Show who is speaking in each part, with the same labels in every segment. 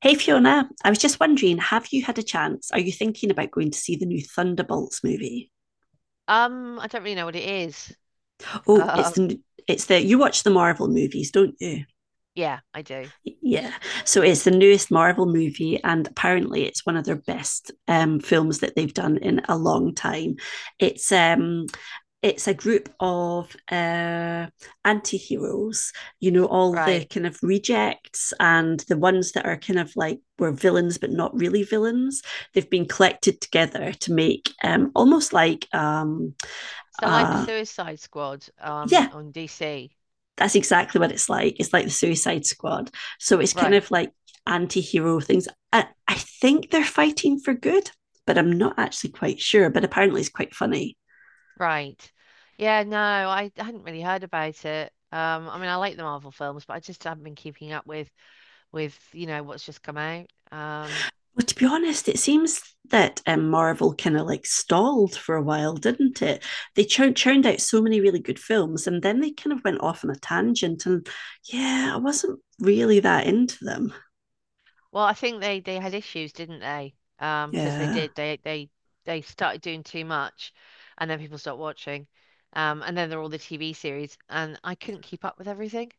Speaker 1: Hey Fiona, I was just wondering, have you had a chance? Are you thinking about going to see the new Thunderbolts movie?
Speaker 2: I don't really know what it is.
Speaker 1: Oh,
Speaker 2: Um,
Speaker 1: it's the you watch the Marvel movies, don't you?
Speaker 2: yeah, I do.
Speaker 1: Yeah. So it's the newest Marvel movie, and apparently it's one of their best films that they've done in a long time. It's um, it's a group of anti-heroes, you know, all the
Speaker 2: Right.
Speaker 1: kind of rejects and the ones that are kind of like were villains but not really villains. They've been collected together to make almost like
Speaker 2: So like the
Speaker 1: uh,
Speaker 2: Suicide Squad,
Speaker 1: yeah,
Speaker 2: on DC.
Speaker 1: that's exactly what it's like. It's like the Suicide Squad. So it's kind
Speaker 2: Right,
Speaker 1: of like anti-hero things. I think they're fighting for good, but I'm not actually quite sure. But apparently, it's quite funny.
Speaker 2: right. Yeah, no, I hadn't really heard about it. I mean, I like the Marvel films, but I just haven't been keeping up with what's just come out.
Speaker 1: Well, to be honest, it seems that Marvel kind of like stalled for a while, didn't it? They churned out so many really good films, and then they kind of went off on a tangent. And yeah, I wasn't really that into them.
Speaker 2: Well, I think they had issues, didn't they? Because they
Speaker 1: Yeah,
Speaker 2: did they started doing too much, and then people stopped watching, and then there are all the TV series, and I couldn't keep up with everything.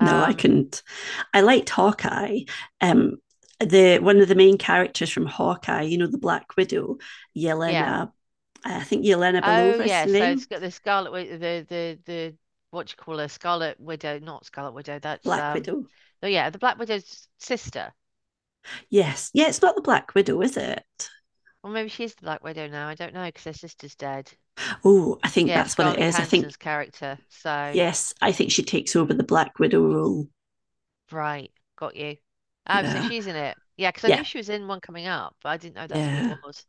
Speaker 1: no, I couldn't. I liked Hawkeye. Um, the one of the main characters from Hawkeye, you know, the Black Widow,
Speaker 2: yeah.
Speaker 1: Yelena. I think Yelena
Speaker 2: Oh
Speaker 1: Belova is
Speaker 2: yeah.
Speaker 1: the
Speaker 2: So
Speaker 1: name.
Speaker 2: it's got the Scarlet Wi- the what do you call her? Scarlet Widow, not Scarlet Widow. That's
Speaker 1: Black Widow.
Speaker 2: Oh yeah, the Black Widow's sister,
Speaker 1: Yes. Yeah, it's not the Black Widow, is it?
Speaker 2: or maybe she is the Black Widow now. I don't know because her sister's dead.
Speaker 1: Oh, I think
Speaker 2: Yeah,
Speaker 1: that's what it
Speaker 2: Scarlett
Speaker 1: is. I think
Speaker 2: Johansson's character. So.
Speaker 1: yes, I think she takes over the Black Widow role.
Speaker 2: Right, got you. Oh, so
Speaker 1: Yeah.
Speaker 2: she's in it. Yeah, because I knew
Speaker 1: Yeah.
Speaker 2: she was in one coming up, but I didn't know that's what it
Speaker 1: Yeah.
Speaker 2: was.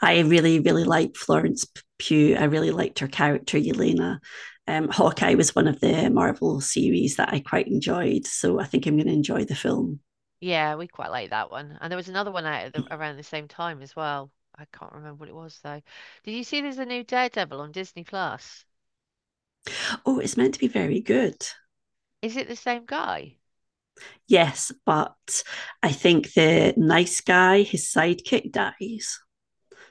Speaker 1: I really, really liked Florence Pugh. I really liked her character, Yelena. Hawkeye was one of the Marvel series that I quite enjoyed. So I think I'm going to enjoy the film.
Speaker 2: Yeah, we quite like that one. And there was another one out at around the same time as well. I can't remember what it was though. Did you see there's a new Daredevil on Disney Plus?
Speaker 1: Oh, it's meant to be very good.
Speaker 2: Is it the same guy?
Speaker 1: Yes, but I think the nice guy, his sidekick, dies.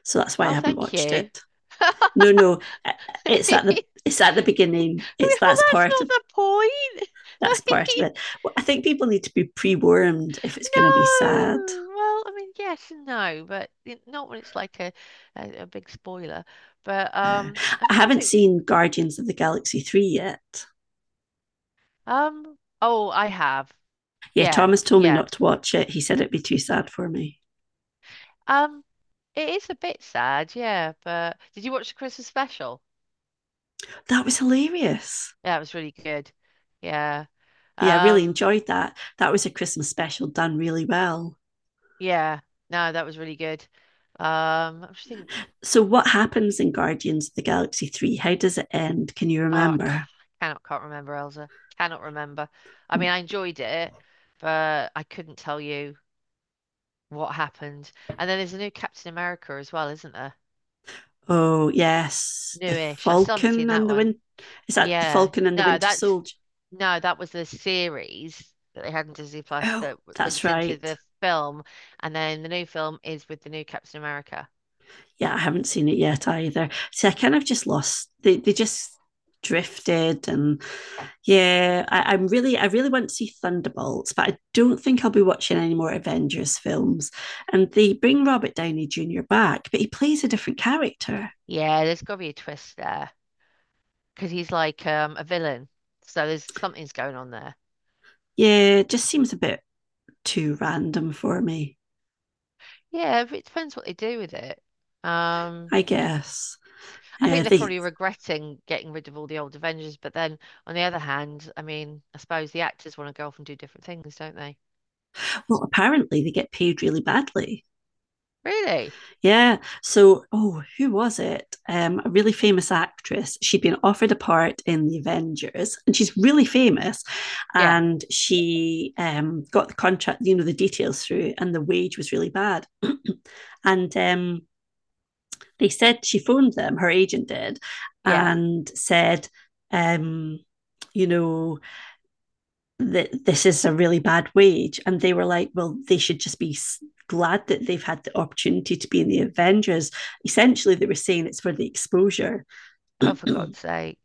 Speaker 1: So that's why I
Speaker 2: Oh,
Speaker 1: haven't
Speaker 2: thank
Speaker 1: watched
Speaker 2: you.
Speaker 1: it. No, no, uh, it's at the it's at the beginning. It's
Speaker 2: Well, that's not the point.
Speaker 1: that's
Speaker 2: I
Speaker 1: part of
Speaker 2: mean,
Speaker 1: it. Well, I think people need to be pre-wormed if it's going to be sad.
Speaker 2: no. Well, I mean, yes and no, but not when it's like a big spoiler. But
Speaker 1: Uh,
Speaker 2: I'm
Speaker 1: I
Speaker 2: trying to
Speaker 1: haven't
Speaker 2: think.
Speaker 1: seen Guardians of the Galaxy 3 yet.
Speaker 2: Oh, I have.
Speaker 1: Yeah,
Speaker 2: Yeah,
Speaker 1: Thomas told me
Speaker 2: yeah.
Speaker 1: not to watch it. He said it'd be too sad for me.
Speaker 2: Um, it is a bit sad, yeah, but did you watch the Christmas special?
Speaker 1: That was hilarious.
Speaker 2: Yeah, it was really good. Yeah.
Speaker 1: Yeah, I really
Speaker 2: Um,
Speaker 1: enjoyed that. That was a Christmas special done really well.
Speaker 2: yeah. No, that was really good. I'm just thinking,
Speaker 1: So, what happens in Guardians of the Galaxy 3? How does it end? Can you
Speaker 2: oh, I ca-
Speaker 1: remember?
Speaker 2: cannot, can't remember, Elsa. Cannot remember. I mean, I enjoyed it, but I couldn't tell you what happened. And then there's a new Captain America as well, isn't there?
Speaker 1: Oh, yes. The
Speaker 2: Newish. I still haven't
Speaker 1: Falcon
Speaker 2: seen that
Speaker 1: and the
Speaker 2: one.
Speaker 1: Winter. Is that the
Speaker 2: Yeah.
Speaker 1: Falcon and the Winter Soldier?
Speaker 2: No, that was the series that they had on Disney Plus
Speaker 1: Oh,
Speaker 2: that
Speaker 1: that's
Speaker 2: links into
Speaker 1: right.
Speaker 2: the film, and then the new film is with the new Captain America.
Speaker 1: Yeah, I haven't seen it yet either. See, I kind of just lost. They just drifted. And yeah, I really want to see Thunderbolts, but I don't think I'll be watching any more Avengers films. And they bring Robert Downey Jr. back, but he plays a different character.
Speaker 2: Yeah, there's got to be a twist there because he's like a villain, so there's something's going on there.
Speaker 1: Yeah, it just seems a bit too random for me,
Speaker 2: Yeah, but it depends what they do with it. Um,
Speaker 1: I guess.
Speaker 2: I think they're
Speaker 1: They
Speaker 2: probably regretting getting rid of all the old Avengers, but then on the other hand, I mean, I suppose the actors want to go off and do different things, don't they?
Speaker 1: Well, apparently they get paid really badly.
Speaker 2: Really?
Speaker 1: Yeah. So, oh, who was it? A really famous actress. She'd been offered a part in the Avengers, and she's really famous.
Speaker 2: Yeah,
Speaker 1: And she got the contract, you know, the details through, and the wage was really bad. And they said she phoned them, her agent did,
Speaker 2: yeah.
Speaker 1: and said, um, you know, that this is a really bad wage. And they were like, well, they should just be glad that they've had the opportunity to be in the Avengers. Essentially, they were saying it's for the exposure.
Speaker 2: Oh, for God's sake.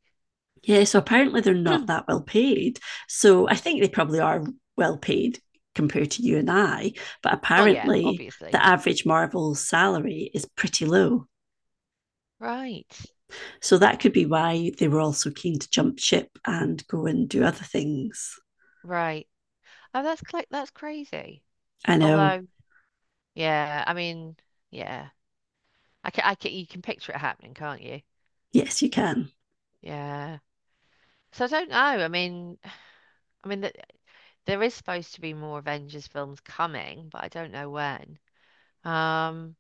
Speaker 1: Yeah, so apparently they're not that well paid. So I think they probably are well paid compared to you and I, but
Speaker 2: Oh yeah,
Speaker 1: apparently
Speaker 2: obviously.
Speaker 1: the average Marvel salary is pretty low.
Speaker 2: Right.
Speaker 1: So that could be why they were also keen to jump ship and go and do other things.
Speaker 2: Right. Oh, that's crazy.
Speaker 1: I know.
Speaker 2: Although, yeah, I mean, yeah. You can picture it happening, can't you?
Speaker 1: Yes, you can.
Speaker 2: Yeah. So I don't know. I mean that there is supposed to be more Avengers films coming, but I don't know when. Um,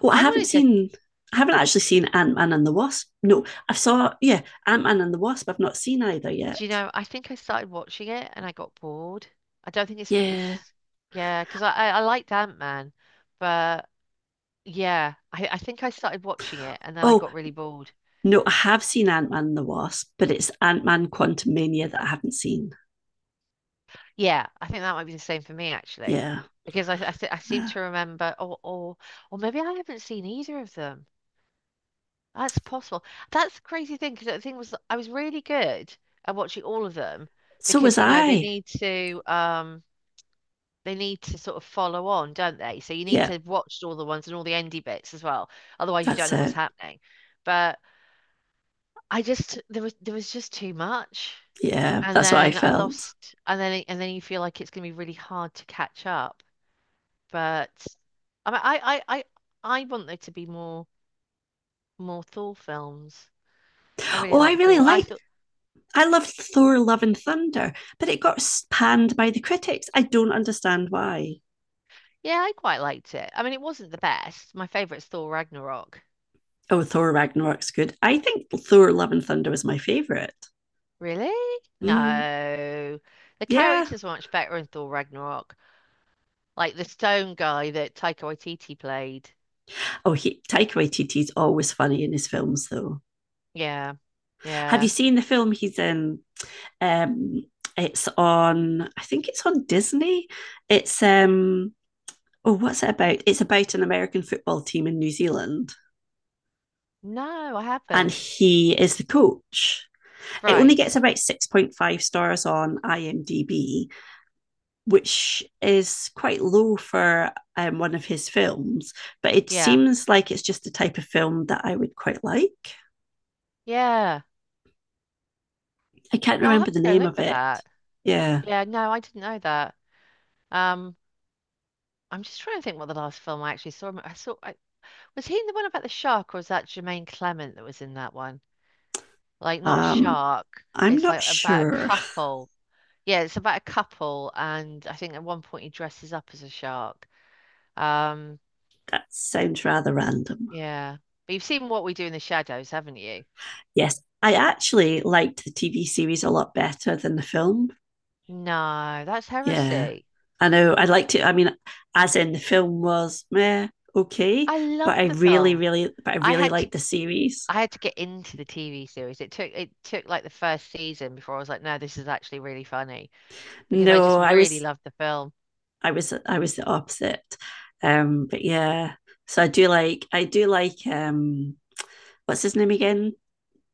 Speaker 1: Well, I
Speaker 2: I
Speaker 1: haven't
Speaker 2: wanted to,
Speaker 1: seen. I haven't actually seen Ant Man and the Wasp. No, I saw. Yeah, Ant Man and the Wasp. I've not seen either yet.
Speaker 2: do you know, I think I started watching it and I got bored. I don't think it's
Speaker 1: Yeah.
Speaker 2: it's yeah, because I liked Ant-Man, but yeah, I think I started watching it and then I
Speaker 1: Oh
Speaker 2: got really bored.
Speaker 1: no, I have seen Ant Man and the Wasp, but it's Ant Man Quantum Mania that I haven't seen.
Speaker 2: Yeah, I think that might be the same for me actually,
Speaker 1: Yeah,
Speaker 2: because I seem
Speaker 1: yeah.
Speaker 2: to remember, or maybe I haven't seen either of them. That's possible. That's the crazy thing because the thing was that I was really good at watching all of them
Speaker 1: So was
Speaker 2: because you know
Speaker 1: I.
Speaker 2: they need to sort of follow on, don't they? So you need
Speaker 1: Yeah,
Speaker 2: to watch all the ones and all the endy bits as well. Otherwise, you don't
Speaker 1: that's
Speaker 2: know what's
Speaker 1: it.
Speaker 2: happening. But I just there was just too much,
Speaker 1: Yeah,
Speaker 2: and
Speaker 1: that's what I
Speaker 2: then I
Speaker 1: felt.
Speaker 2: lost, and then you feel like it's going to be really hard to catch up. But I mean, I want there to be more Thor films. I really
Speaker 1: Oh, I
Speaker 2: like
Speaker 1: really
Speaker 2: Thor. I
Speaker 1: liked.
Speaker 2: thought,
Speaker 1: I loved Thor: Love and Thunder, but it got panned by the critics. I don't understand why.
Speaker 2: yeah, I quite liked it. I mean, it wasn't the best. My favorite's Thor Ragnarok.
Speaker 1: Oh, Thor Ragnarok's good. I think Thor: Love and Thunder was my favorite.
Speaker 2: Really?
Speaker 1: Mm.
Speaker 2: No, the
Speaker 1: Yeah.
Speaker 2: characters were much better in Thor Ragnarok. Like the stone guy that Taika Waititi played.
Speaker 1: Oh, he, Taika Waititi's always funny in his films, though.
Speaker 2: Yeah,
Speaker 1: Have you
Speaker 2: yeah.
Speaker 1: seen the film he's in? Um, it's on. I think it's on Disney. It's. Oh, what's it about? It's about an American football team in New Zealand,
Speaker 2: No, I
Speaker 1: and
Speaker 2: haven't.
Speaker 1: he is the coach. It only
Speaker 2: Right.
Speaker 1: gets about 6.5 stars on IMDb, which is quite low for one of his films. But it
Speaker 2: Yeah,
Speaker 1: seems like it's just the type of film that I would quite like.
Speaker 2: yeah.
Speaker 1: I can't
Speaker 2: No, I'll
Speaker 1: remember
Speaker 2: have
Speaker 1: the
Speaker 2: to go
Speaker 1: name
Speaker 2: look
Speaker 1: of
Speaker 2: for
Speaker 1: it.
Speaker 2: that.
Speaker 1: Yeah.
Speaker 2: Yeah, no, I didn't know that. Um. I'm just trying to think what the last film I actually saw. Was he in the one about the shark, or was that Jermaine Clement that was in that one? Like not a
Speaker 1: Um,
Speaker 2: shark.
Speaker 1: I'm
Speaker 2: It's
Speaker 1: not
Speaker 2: like about a
Speaker 1: sure.
Speaker 2: couple. Yeah, it's about a couple, and I think at one point he dresses up as a shark. Um,
Speaker 1: That sounds rather random.
Speaker 2: yeah, but you've seen What We Do in the Shadows, haven't you?
Speaker 1: Yes, I actually liked the TV series a lot better than the film.
Speaker 2: No, that's
Speaker 1: Yeah.
Speaker 2: heresy.
Speaker 1: I know I liked it. I mean, as in the film was meh, okay,
Speaker 2: I
Speaker 1: but I
Speaker 2: loved the
Speaker 1: really,
Speaker 2: film.
Speaker 1: really, but I
Speaker 2: I
Speaker 1: really
Speaker 2: had to
Speaker 1: liked the series.
Speaker 2: I had to get into the TV series. It took like the first season before I was like, no, this is actually really funny because I
Speaker 1: No,
Speaker 2: just really loved the film.
Speaker 1: I was the opposite. But yeah, so I do like, what's his name again?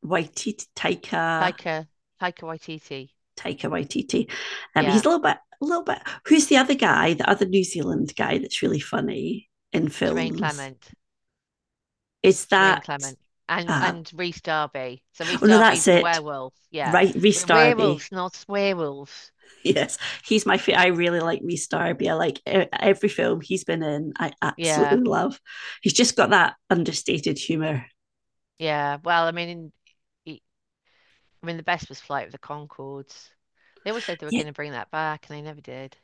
Speaker 1: Waititi Taika
Speaker 2: Taika, Taika Waititi.
Speaker 1: Taika Waititi. He's a
Speaker 2: Yeah.
Speaker 1: little bit, a little bit. Who's the other guy? The other New Zealand guy that's really funny in
Speaker 2: Jermaine
Speaker 1: films.
Speaker 2: Clement.
Speaker 1: Is
Speaker 2: Jermaine
Speaker 1: that?
Speaker 2: Clement. And
Speaker 1: Uh,
Speaker 2: and Reese Darby. So Reese
Speaker 1: oh no, that's
Speaker 2: Darby's the
Speaker 1: it.
Speaker 2: werewolf. Yeah.
Speaker 1: Right, Reese
Speaker 2: We're
Speaker 1: Darby.
Speaker 2: werewolves, not werewolves.
Speaker 1: Yes, he's my favorite. I really like Reese Darby. I like every film he's been in. I
Speaker 2: Yeah.
Speaker 1: absolutely love. He's just got that understated humor.
Speaker 2: Yeah. Well, I mean, in, I mean, the best was Flight of the Conchords. They always said they were
Speaker 1: Yeah,
Speaker 2: going to bring that back, and they never did.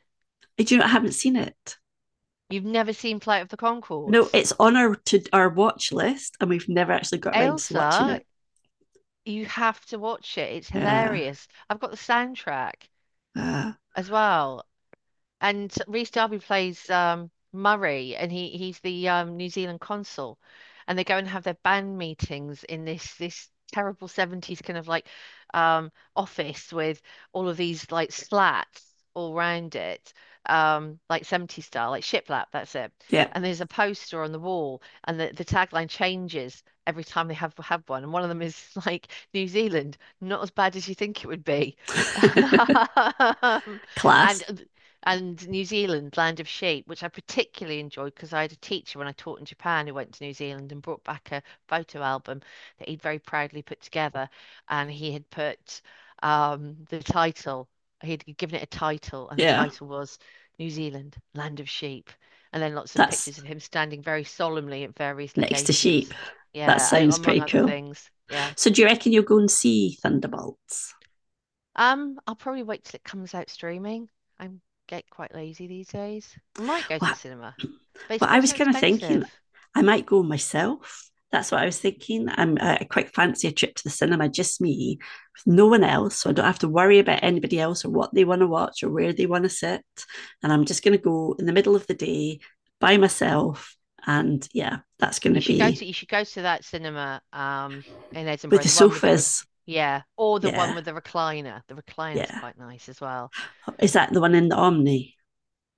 Speaker 1: do you know? I haven't seen it.
Speaker 2: You've never seen Flight of the
Speaker 1: No,
Speaker 2: Conchords,
Speaker 1: it's on our watch list, and we've never actually got around to
Speaker 2: Ailsa,
Speaker 1: watching it.
Speaker 2: you have to watch it. It's
Speaker 1: Yeah,
Speaker 2: hilarious. I've got the soundtrack
Speaker 1: uh,
Speaker 2: as well. And Rhys Darby plays Murray, and he's the New Zealand consul, and they go and have their band meetings in this terrible 70s kind of like office with all of these like slats all round it, like 70s style, like shiplap, that's it. And there's a poster on the wall, and the tagline changes every time they have one. And one of them is like New Zealand, not as bad as you think it would be.
Speaker 1: yeah.
Speaker 2: Um,
Speaker 1: Class.
Speaker 2: and New Zealand, Land of Sheep, which I particularly enjoyed because I had a teacher when I taught in Japan who went to New Zealand and brought back a photo album that he'd very proudly put together. And he had put um, the title, he'd given it a title, and the
Speaker 1: Yeah,
Speaker 2: title was New Zealand, Land of Sheep. And then lots of
Speaker 1: that's
Speaker 2: pictures of him standing very solemnly at various
Speaker 1: next to
Speaker 2: locations.
Speaker 1: sheep. That
Speaker 2: Yeah, and
Speaker 1: sounds
Speaker 2: among
Speaker 1: pretty
Speaker 2: other
Speaker 1: cool.
Speaker 2: things. Yeah.
Speaker 1: So do you reckon you'll go and see Thunderbolts?
Speaker 2: I'll probably wait till it comes out streaming. I get quite lazy these days. We might go to
Speaker 1: Well,
Speaker 2: the cinema, but it's
Speaker 1: I
Speaker 2: got
Speaker 1: was
Speaker 2: so
Speaker 1: kind of thinking
Speaker 2: expensive.
Speaker 1: I might go myself. That's what I was thinking. I quite fancy a trip to the cinema, just me, with no one else. So I don't have to worry about anybody else or what they want to watch or where they want to sit. And I'm just going to go in the middle of the day by myself. And yeah, that's going to be
Speaker 2: You should go to that cinema in
Speaker 1: with
Speaker 2: Edinburgh,
Speaker 1: the
Speaker 2: the one with the re
Speaker 1: sofas.
Speaker 2: yeah, or the one
Speaker 1: Yeah,
Speaker 2: with the recliner. The recliner's
Speaker 1: yeah.
Speaker 2: quite nice as well.
Speaker 1: Is that the one in the Omni?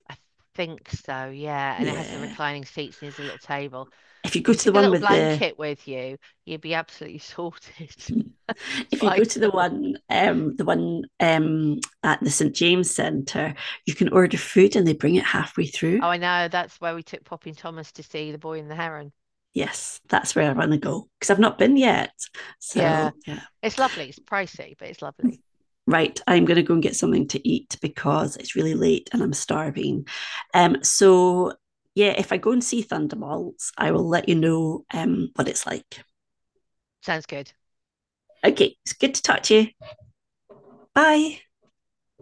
Speaker 2: I think so, yeah. And it has the
Speaker 1: Yeah.
Speaker 2: reclining seats and there's a little table.
Speaker 1: If you
Speaker 2: If
Speaker 1: go
Speaker 2: you
Speaker 1: to the
Speaker 2: took a
Speaker 1: one
Speaker 2: little
Speaker 1: with the,
Speaker 2: blanket with you, you'd be absolutely sorted. It's
Speaker 1: if you go
Speaker 2: like,
Speaker 1: to the one, at the St James Centre, you can order food and they bring it halfway through.
Speaker 2: oh, I know, that's where we took Poppy and Thomas to see The Boy and the Heron.
Speaker 1: Yes, that's where I want to go because I've not been yet.
Speaker 2: Yeah.
Speaker 1: So yeah.
Speaker 2: It's lovely. It's pricey, but it's lovely.
Speaker 1: Right, I'm going to go and get something to eat because it's really late and I'm starving. Um, so yeah, if I go and see Thunderbolts, I will let you know what it's like.
Speaker 2: Sounds good.
Speaker 1: Okay, it's good to talk to you. Bye.